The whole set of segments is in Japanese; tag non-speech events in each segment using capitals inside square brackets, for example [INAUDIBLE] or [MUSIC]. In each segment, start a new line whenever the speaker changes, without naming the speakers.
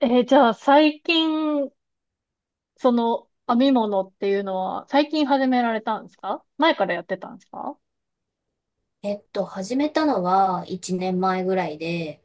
じゃあ最近、その編み物っていうのは最近始められたんですか？前からやってたんですか？
始めたのは1年前ぐらいで、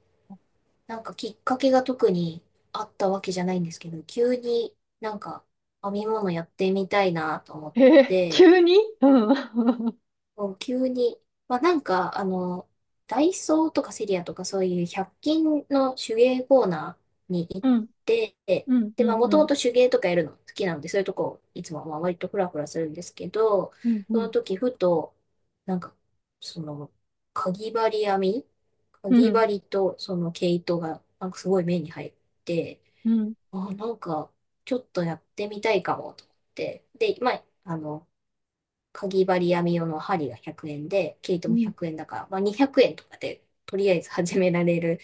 なんかきっかけが特にあったわけじゃないんですけど、急に編み物やってみたいなと思って、
急に [LAUGHS] うん。[LAUGHS]
そう急に、まあ、なんか、あの、ダイソーとかセリアとかそういう100均の手芸コーナーに行っ
うん、
て、
うん、
で、
う
まあ、も
ん、
と
う
も
ん、
と手芸とかやるの好きなので、そういうとこ、いつもまあ割とフラフラするんですけど、
うん、う
その
ん、
時、ふと、なんか、その、かぎ針編みか
う
ぎ
ん、
針とその毛糸が、なんかすごい目に入って、
うん。
あ、なんか、ちょっとやってみたいかも、と思って。で、かぎ針編み用の針が100円で、毛糸
う
も
ん。
100円だから、まあ、200円とかでとりあえず始められる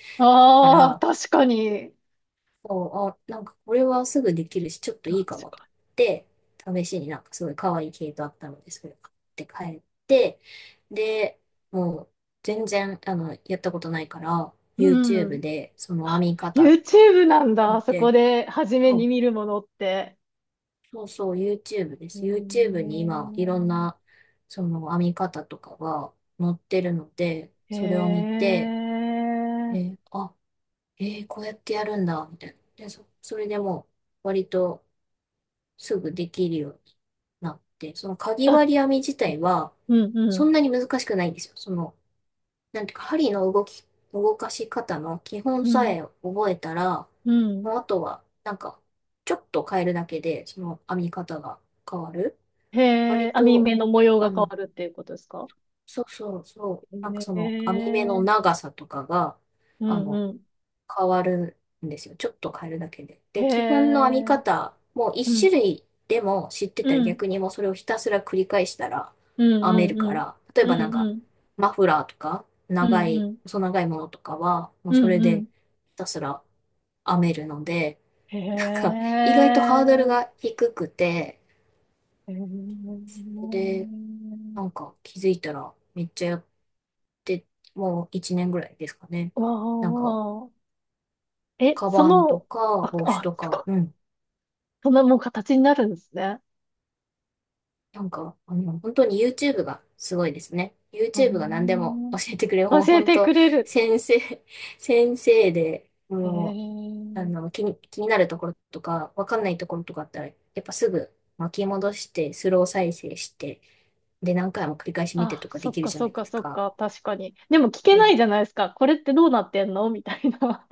か
ああー、
ら、
確かに。
あ、なんかこれはすぐできるし、ちょっといいか
確
もと
か
思って、試しになんかすごい可愛い毛糸あったので、それを買って帰って、で、もう全然やったことないから、
に。う
YouTube
ん。
でその編
あ、
み方とかを
YouTube なん
見
だ。そこ
て、
で初めに
あ
見るものって。
そうそう、YouTube で
うー
す。YouTube に今、いろん
ん。
な、その編み方とかが載ってるので、
へ
それを見て、え
え。
ーあ、こうやってやるんだ、みたいな。で、それでもう、割とすぐできるようになって、そのかぎ
あ、
針編み自体は、
うん、う
そ
ん、
んなに難しくないんですよ。その、なんていうか、針の動き、動かし方の基本
う
さ
ん、
え覚えたら、
うん。
もうあとは、ちょっと変えるだけで、その編み方が変わる。
へえ、
割
網
と、
目の模様
あ
が変わ
の、
るっていうことですか？
そうそうそう、なんか
へ
その網目の
え、
長さとかが、
う
あ
ん
の、
うん。
変わるんですよ。ちょっと変えるだけで。
へ
で、基本の編み
え、
方、もう一
う
種
ん、
類でも知ってたら
うん、
逆にもうそれをひたすら繰り返したら
うん、
編め
う
る
ん、
から、例え
う
ば
ん、うん、
マフラーとか、
うん、
長
うん、う
い、
ん、
細長いものとかは、も
う
うそれ
んう
で
ん。
ひたすら編めるので、
へ
なんか、意外とハードル
え、
が低くて、
へえ、
それで、なんか気づいたらめっちゃやって、もう1年ぐらいですかね。
わ
なんか、
あ、え、
カ
そ
バンと
の、
か
あ、
帽子
あ、
と
すご
か、
い。
うん。
そんなもう形になるんですね。
本当に YouTube がすごいですね。
あ
YouTube が何でも
ー、
教えてくれる。もう
教え
本
て
当、
くれる。
先生、[LAUGHS] 先生で、
へ
もう、
え。
気になるところとか、わかんないところとかあったら、やっぱすぐ巻き戻して、スロー再生して、で、何回も繰り返し見て
あ、
とか
そ
で
っ
きる
か
じゃ
そ
な
っ
いで
か
す
そっ
か。
か、確かに。でも聞け
う
な
ん、
いじゃないですか。これってどうなってんのみたいな。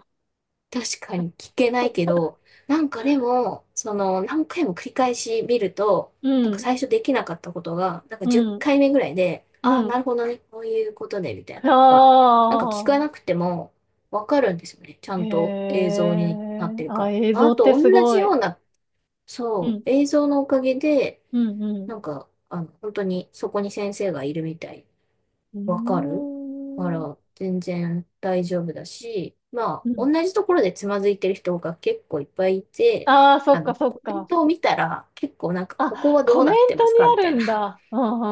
確かに聞けないけ
[LAUGHS]
ど、なんかでも、その、何回も繰り返し見ると、
う
なんか
ん、
最初できなかったことが、なんか10
うん、
回目ぐらいで、あ
う
あ、な
ん。
るほどね、こういうことね、みたい
あ
なのが、なんか聞かなくてもわかるんですよね。ちゃ
あ、へ
んと映像にな
え、
ってるか
あ、
ら。
映
まあ、
像
あ
っ
と、
てす
同じ
ご
よ
い。
うな、
う
そ
ん、
う、映像のおかげで、
うん、うん。
本当にそこに先生がいるみたい
う
わか
ー
るか
ん、
ら、全然大丈夫だし、まあ、
うん。
同じところでつまずいてる人が結構いっぱいいて、
ああ、そ
あ
っか
の、
そっ
コメン
か。
トを見たら、結構なんか、ここ
あ、
はど
コ
う
メ
なっ
ン
てま
ト
す
に
かみ
あ
た
る
いな。
んだ。うん、う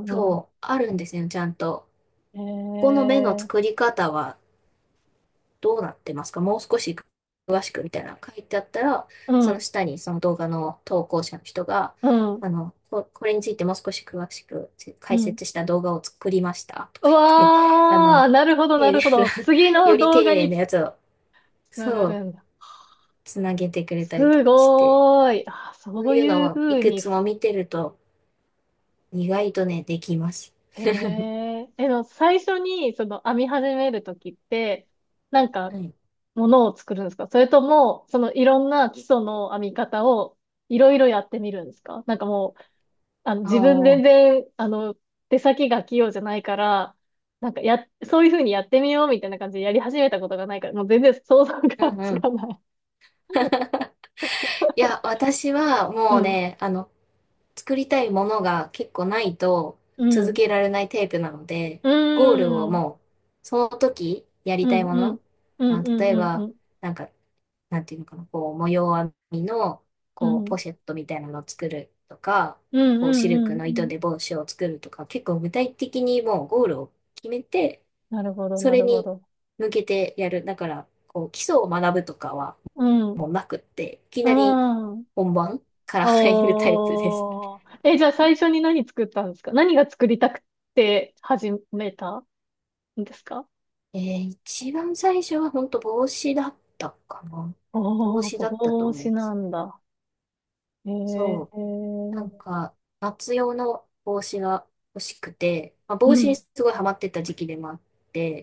ん、うん、うん。うん。
そう、あるんですよ、ちゃんと。
へ
ここの目の
え、
作り方は、どうなってますかもう少し詳しくみたいなの書いてあったら、
う
その
ん、
下にその動画の投稿者の人が、
うん、
れについてもう少し詳しく
う
解
ん。
説した動画を作りましたと
う
か言って、[LAUGHS] あ
わ
の、
あ、なるほど、な
丁寧
るほ
な
ど。次
[LAUGHS]
の
より
動
丁
画
寧
に
なやつを、
つなが
そう、
るんだ。
つなげてくれたりと
す
かして、
ごーい。あ、
そ
そ
う
う
いうの
いうふ
をい
う
く
に
つも
す。
見てると、意外とね、できます。
へ
[LAUGHS]
え。最初に、その、編み始めるときって、なんか、
はい。
ものを作るんですか？それとも、その、いろんな基礎の編み方を、いろいろやってみるんですか？なんかもう、あの、
あ
自分全
あ、
然、あの、手先が器用じゃないから、なんか、や、そういうふうにやってみようみたいな感じでやり始めたことがないから、もう全然想像
う
が
ん
つ
うん。
かない。
[LAUGHS] いや、
[LAUGHS]
私は
う
もう
ん。
ね、あの、作りたいものが結構ないと
う
続
ん。
けられないタイプなので、
う
ゴールを
ーん。
もう、その時や
う
りたい
ん
も
うん。
の、
う
ま
ん
あ、
う
例
ん
え
うん
ば、
うん。
なんか、なんていうのかな、こう、模様編みの、
う
こう、
ん。
ポシェットみたいなのを作るとか、
うん
こう、
う
シ
ん
ル
う
ク
んう
の糸
ん。
で帽子を作るとか、結構具体的にもうゴールを決めて、
なるほど、
そ
な
れ
るほ
に
ど。
向けてやる。だから、こう、基礎を学ぶとかは
うん。
もうなくって、いき
う
なり
ん。
本番から入るタイプです。
おー。え、じゃあ最初に何作ったんですか？何が作りたくて始めたんですか？
えー、一番最初は本当帽子だったかな。帽
おー、
子だったと
帽
思い
子
ま
な
す。
んだ。
そ
へ。
う。なん
う
か、夏用の帽子が欲しくて、まあ、帽
ん
子にすごいハマってた時期でもあっ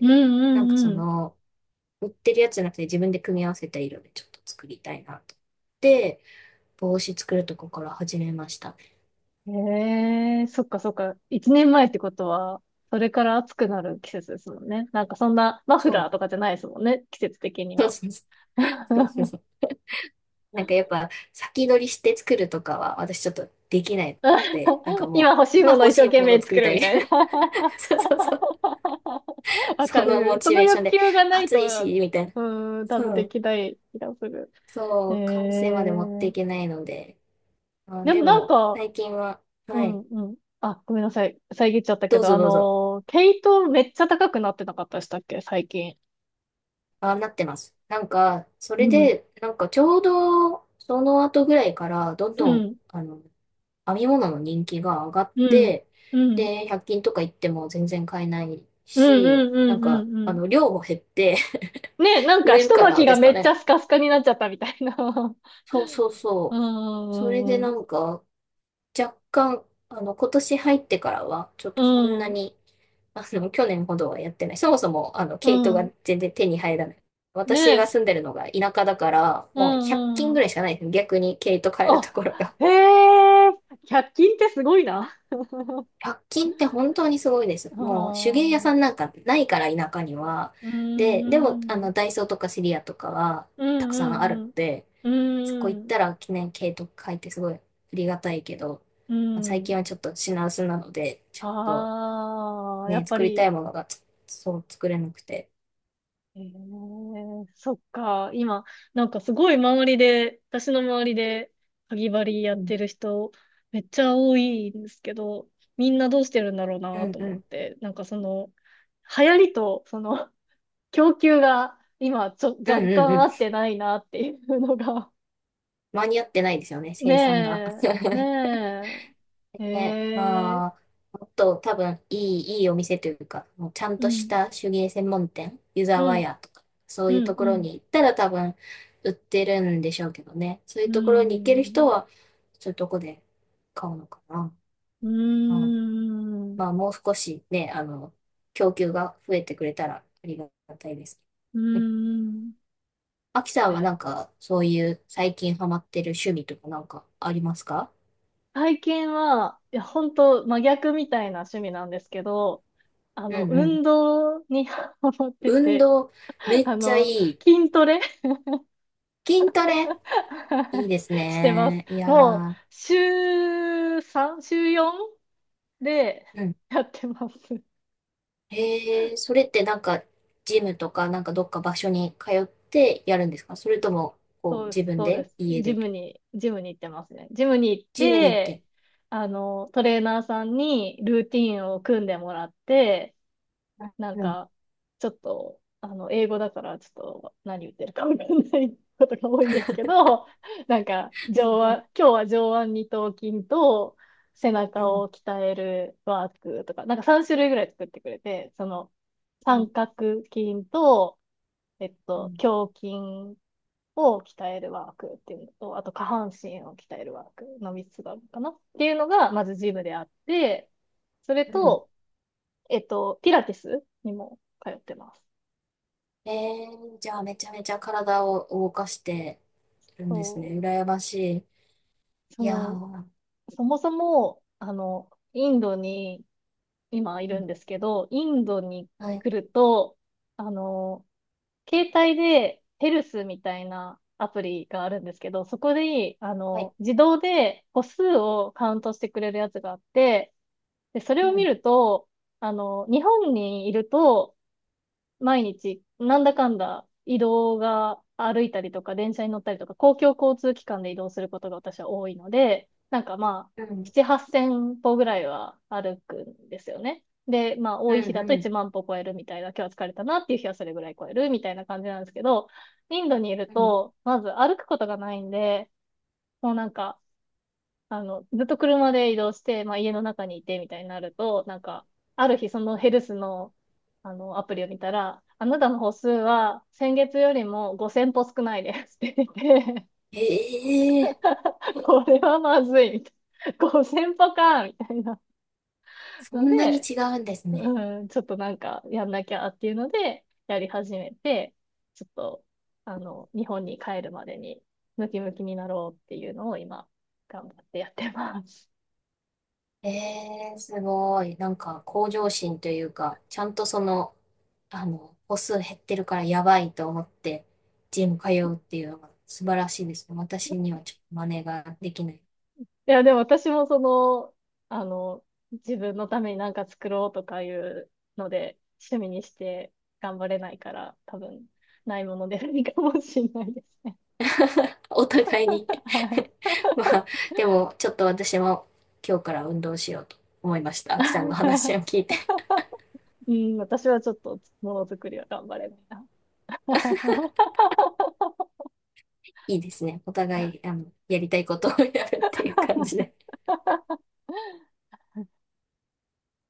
うん
なんかそ
うん
の、売ってるやつじゃなくて自分で組み合わせた色でちょっと作りたいなと思って。帽子作るとこから始めました。
うん。へ、そっかそっか。一年前ってことは、それから暑くなる季節ですもんね。なんかそんなマフ
そ
ラー
う。
とかじゃないですもんね。季節的に
そう
は。
そうそうそう
[LAUGHS]
そう。なんかやっぱ先取りして作るとかは私ちょっとできないので、なんかも
今
う
欲しい
今
ものを
欲
一生
しい
懸
ものを
命
作
作
り
る
た
み
い
たいな。
そうそうそう。
[LAUGHS] わか
そのモ
る。そ
チ
の
ベーショ
欲
ンで、
求がない
暑いし、
と、
みたいな。
うん、多
そ
分で
う。
きない気がする。え
そう、完成まで持ってい
ー、
けないので。あ、
でも
で
なん
も、
か、
最近は、
う
は
ん
い。
うん。あ、ごめんなさい。遮っちゃったけ
どう
ど、
ぞ
あ
どうぞ。
のー、毛糸めっちゃ高くなってなかったでしたっけ、最近。
あ、なってます。なんか、それ
うん、
で、なんかちょうど、その後ぐらいから、どん
う
どん、
ん、
あの、編み物の人気が上がっ
うん、
て、
うん、うん、
で、100均とか行っても全然買えない
うん、
し、
うん、うんうん。
量も減って
ね、な
[LAUGHS]
ん
売
か
れる
一
か
巻
ら
きが
です
め
か
っちゃ
ね。
スカスカになっちゃったみたいな。[LAUGHS]
そうそう
うん
そう。それ
う
で
んう
な
ん
んか、若干、あの、今年入ってからは、ちょっ
う
とそんな
ん、
に、あの、[LAUGHS] 去年ほどはやってない。そもそも、あの、
う
毛糸が
ん。
全然手に入らない。私
ねえ、
が住んでるのが田舎だから、
う
もう100
ん、
均
う
ぐ
ん。
らいしかないですね。逆に毛糸買えると
あ、
ころが。
へえ、100均ってすごいな。
[LAUGHS] 100均って本当にすごいです。
あ
もう手芸屋さん
あ、
なんかないから田舎には。
う
で、で
ん、う
も、あ
ん、
の、ダイソーとかシリアとかは
う
たくさんある
ん、うん、
ので、そこ
う
行った
ん、
ら記念毛糸買えてすごいありがたいけど、
う
最近
ん。
はちょっと品薄なので、ちょっと、
ああ、や
ね、
っぱ
作りた
り、
いものがつそう作れなくて。
ええ、そっか。今、なんかすごい周りで、私の周りで、かぎ針やっ
うん、
てる人、めっちゃ多いんですけど、みんなどうしてるんだろう
う
な
ん、
と
う
思っ
ん。
て、なんかその、流行りと、その、[LAUGHS] 供給が、今、ちょ、
うん
若
うんう
干合
ん。
ってないなっていうのが、
間に合ってないですよね、
[LAUGHS] ね
生産が。
え、
[LAUGHS]
ねえ、
ね、
え
ま
え、
あ、もっと多分いい、いいお店というか、もうちゃん
う
とし
ん、
た手芸専門店、湯
う
沢
ん、
屋とか、そ
う
ういう
ん、
とこ
う
ろ
ん、
に行ったら多分売ってるんでしょうけどね。そうい
う
うところに行ける人
ん、
は、そういうとこで買うのかな。う
う
ん、
ん、
まあ、もう少しね、あの、供給が増えてくれたらありがたいです。
うーん。
アキさんはなん
え、
か、そういう最近ハマってる趣味とかなんかありますか？
体験は、いや、本当真逆みたいな趣味なんですけど、あ
う
の、
んうん。
運動に [LAUGHS] ハマって
運
て、
動、め
[LAUGHS]
っ
あ
ちゃい
の、
い。
筋トレ
筋トレ、いい
[LAUGHS]
です
してます。
ね。い
もう、
や
週 3? 週 4? で
ー、うん。
[LAUGHS] やってます。
へえ、それってなんか、ジムとかなんかどっか場所に通ってやるんですか？それとも、こ
そ
う、
うで
自
す、
分
そうで
で、
す。
家
ジ
で、
ムに、ジムに行ってますね。ジムに行っ
ジムに行っ
て、
て。
あの、トレーナーさんにルーティンを組んでもらって、なん
うん、
か、ちょっと、あの、英語だから、ちょっと何言ってるかわかんないことが多いんですけど、[LAUGHS] なんか、
う
上
ん、
腕、今日は上腕二頭筋と背
うん、
中
うん、
を鍛えるワークとか、なんか3種類ぐらい作ってくれて、その、
う
三
ん、
角筋と、えっ
う
と、
ん。
胸筋を鍛えるワークっていうのと、あと下半身を鍛えるワークの3つがあるのかなっていうのが、まずジムであって、それ
うん、
と、えっと、ピラティスにも通ってます。
へ、じゃあめちゃめちゃ体を動かしてるんですね。
そ
羨まし
う、そ
い。いや
の、
ー、
そもそも、あの、インドに今い
う
る
ん、
んですけど、インドに
はい
来ると、あの、携帯でヘルスみたいなアプリがあるんですけど、そこで、あ
はい。
の、自動で歩数をカウントしてくれるやつがあって、で、それ
う
を見
ん、
ると、あの、日本にいると、毎日、なんだかんだ移動が歩いたりとか、電車に乗ったりとか、公共交通機関で移動することが私は多いので、なんかまあ、
うん、
7、8千歩ぐらいは歩くんですよね。で、まあ、
う
多い日だと
ん、う
1
ん、
万歩超えるみたいな、今日は疲れたなっていう日はそれぐらい超えるみたいな感じなんですけど、インドにいる
うん。
と、まず歩くことがないんで、もうなんか、あの、ずっと車で移動して、まあ、家の中にいてみたいになると、なんか、ある日そのヘルスの、あの、アプリを見たら、あなたの歩数は先月よりも5000歩少ないですって言ってて、
ええ、
[LAUGHS] これはまずいみたいな。5000歩かみたいな
そ
の
んなに
で、
違うんですね。
うん、ちょっとなんかやんなきゃっていうので、やり始めて、ちょっと、あの、日本に帰るまでにムキムキになろうっていうのを今、頑張ってやってます。
ええすごい。なんか、向上心というか、ちゃんとその、あの、歩数減ってるからやばいと思って、ジム通うっていうのが素晴らしいですね。私にはちょっと真似ができない。
いや、でも私もその、あの、自分のために何か作ろうとかいうので、趣味にして頑張れないから、多分、ないものでないかもしれないですね。
[LAUGHS] お互いに
は
[LAUGHS] まあ、
い。
でも、ちょっと私も今日から運動しようと思いました。秋さんの話を聞いて。
[LAUGHS] うん、私はちょっとものづくりは頑張れないな。[LAUGHS]
いいですね。お互い、あの、やりたいことをやるっていう感じで。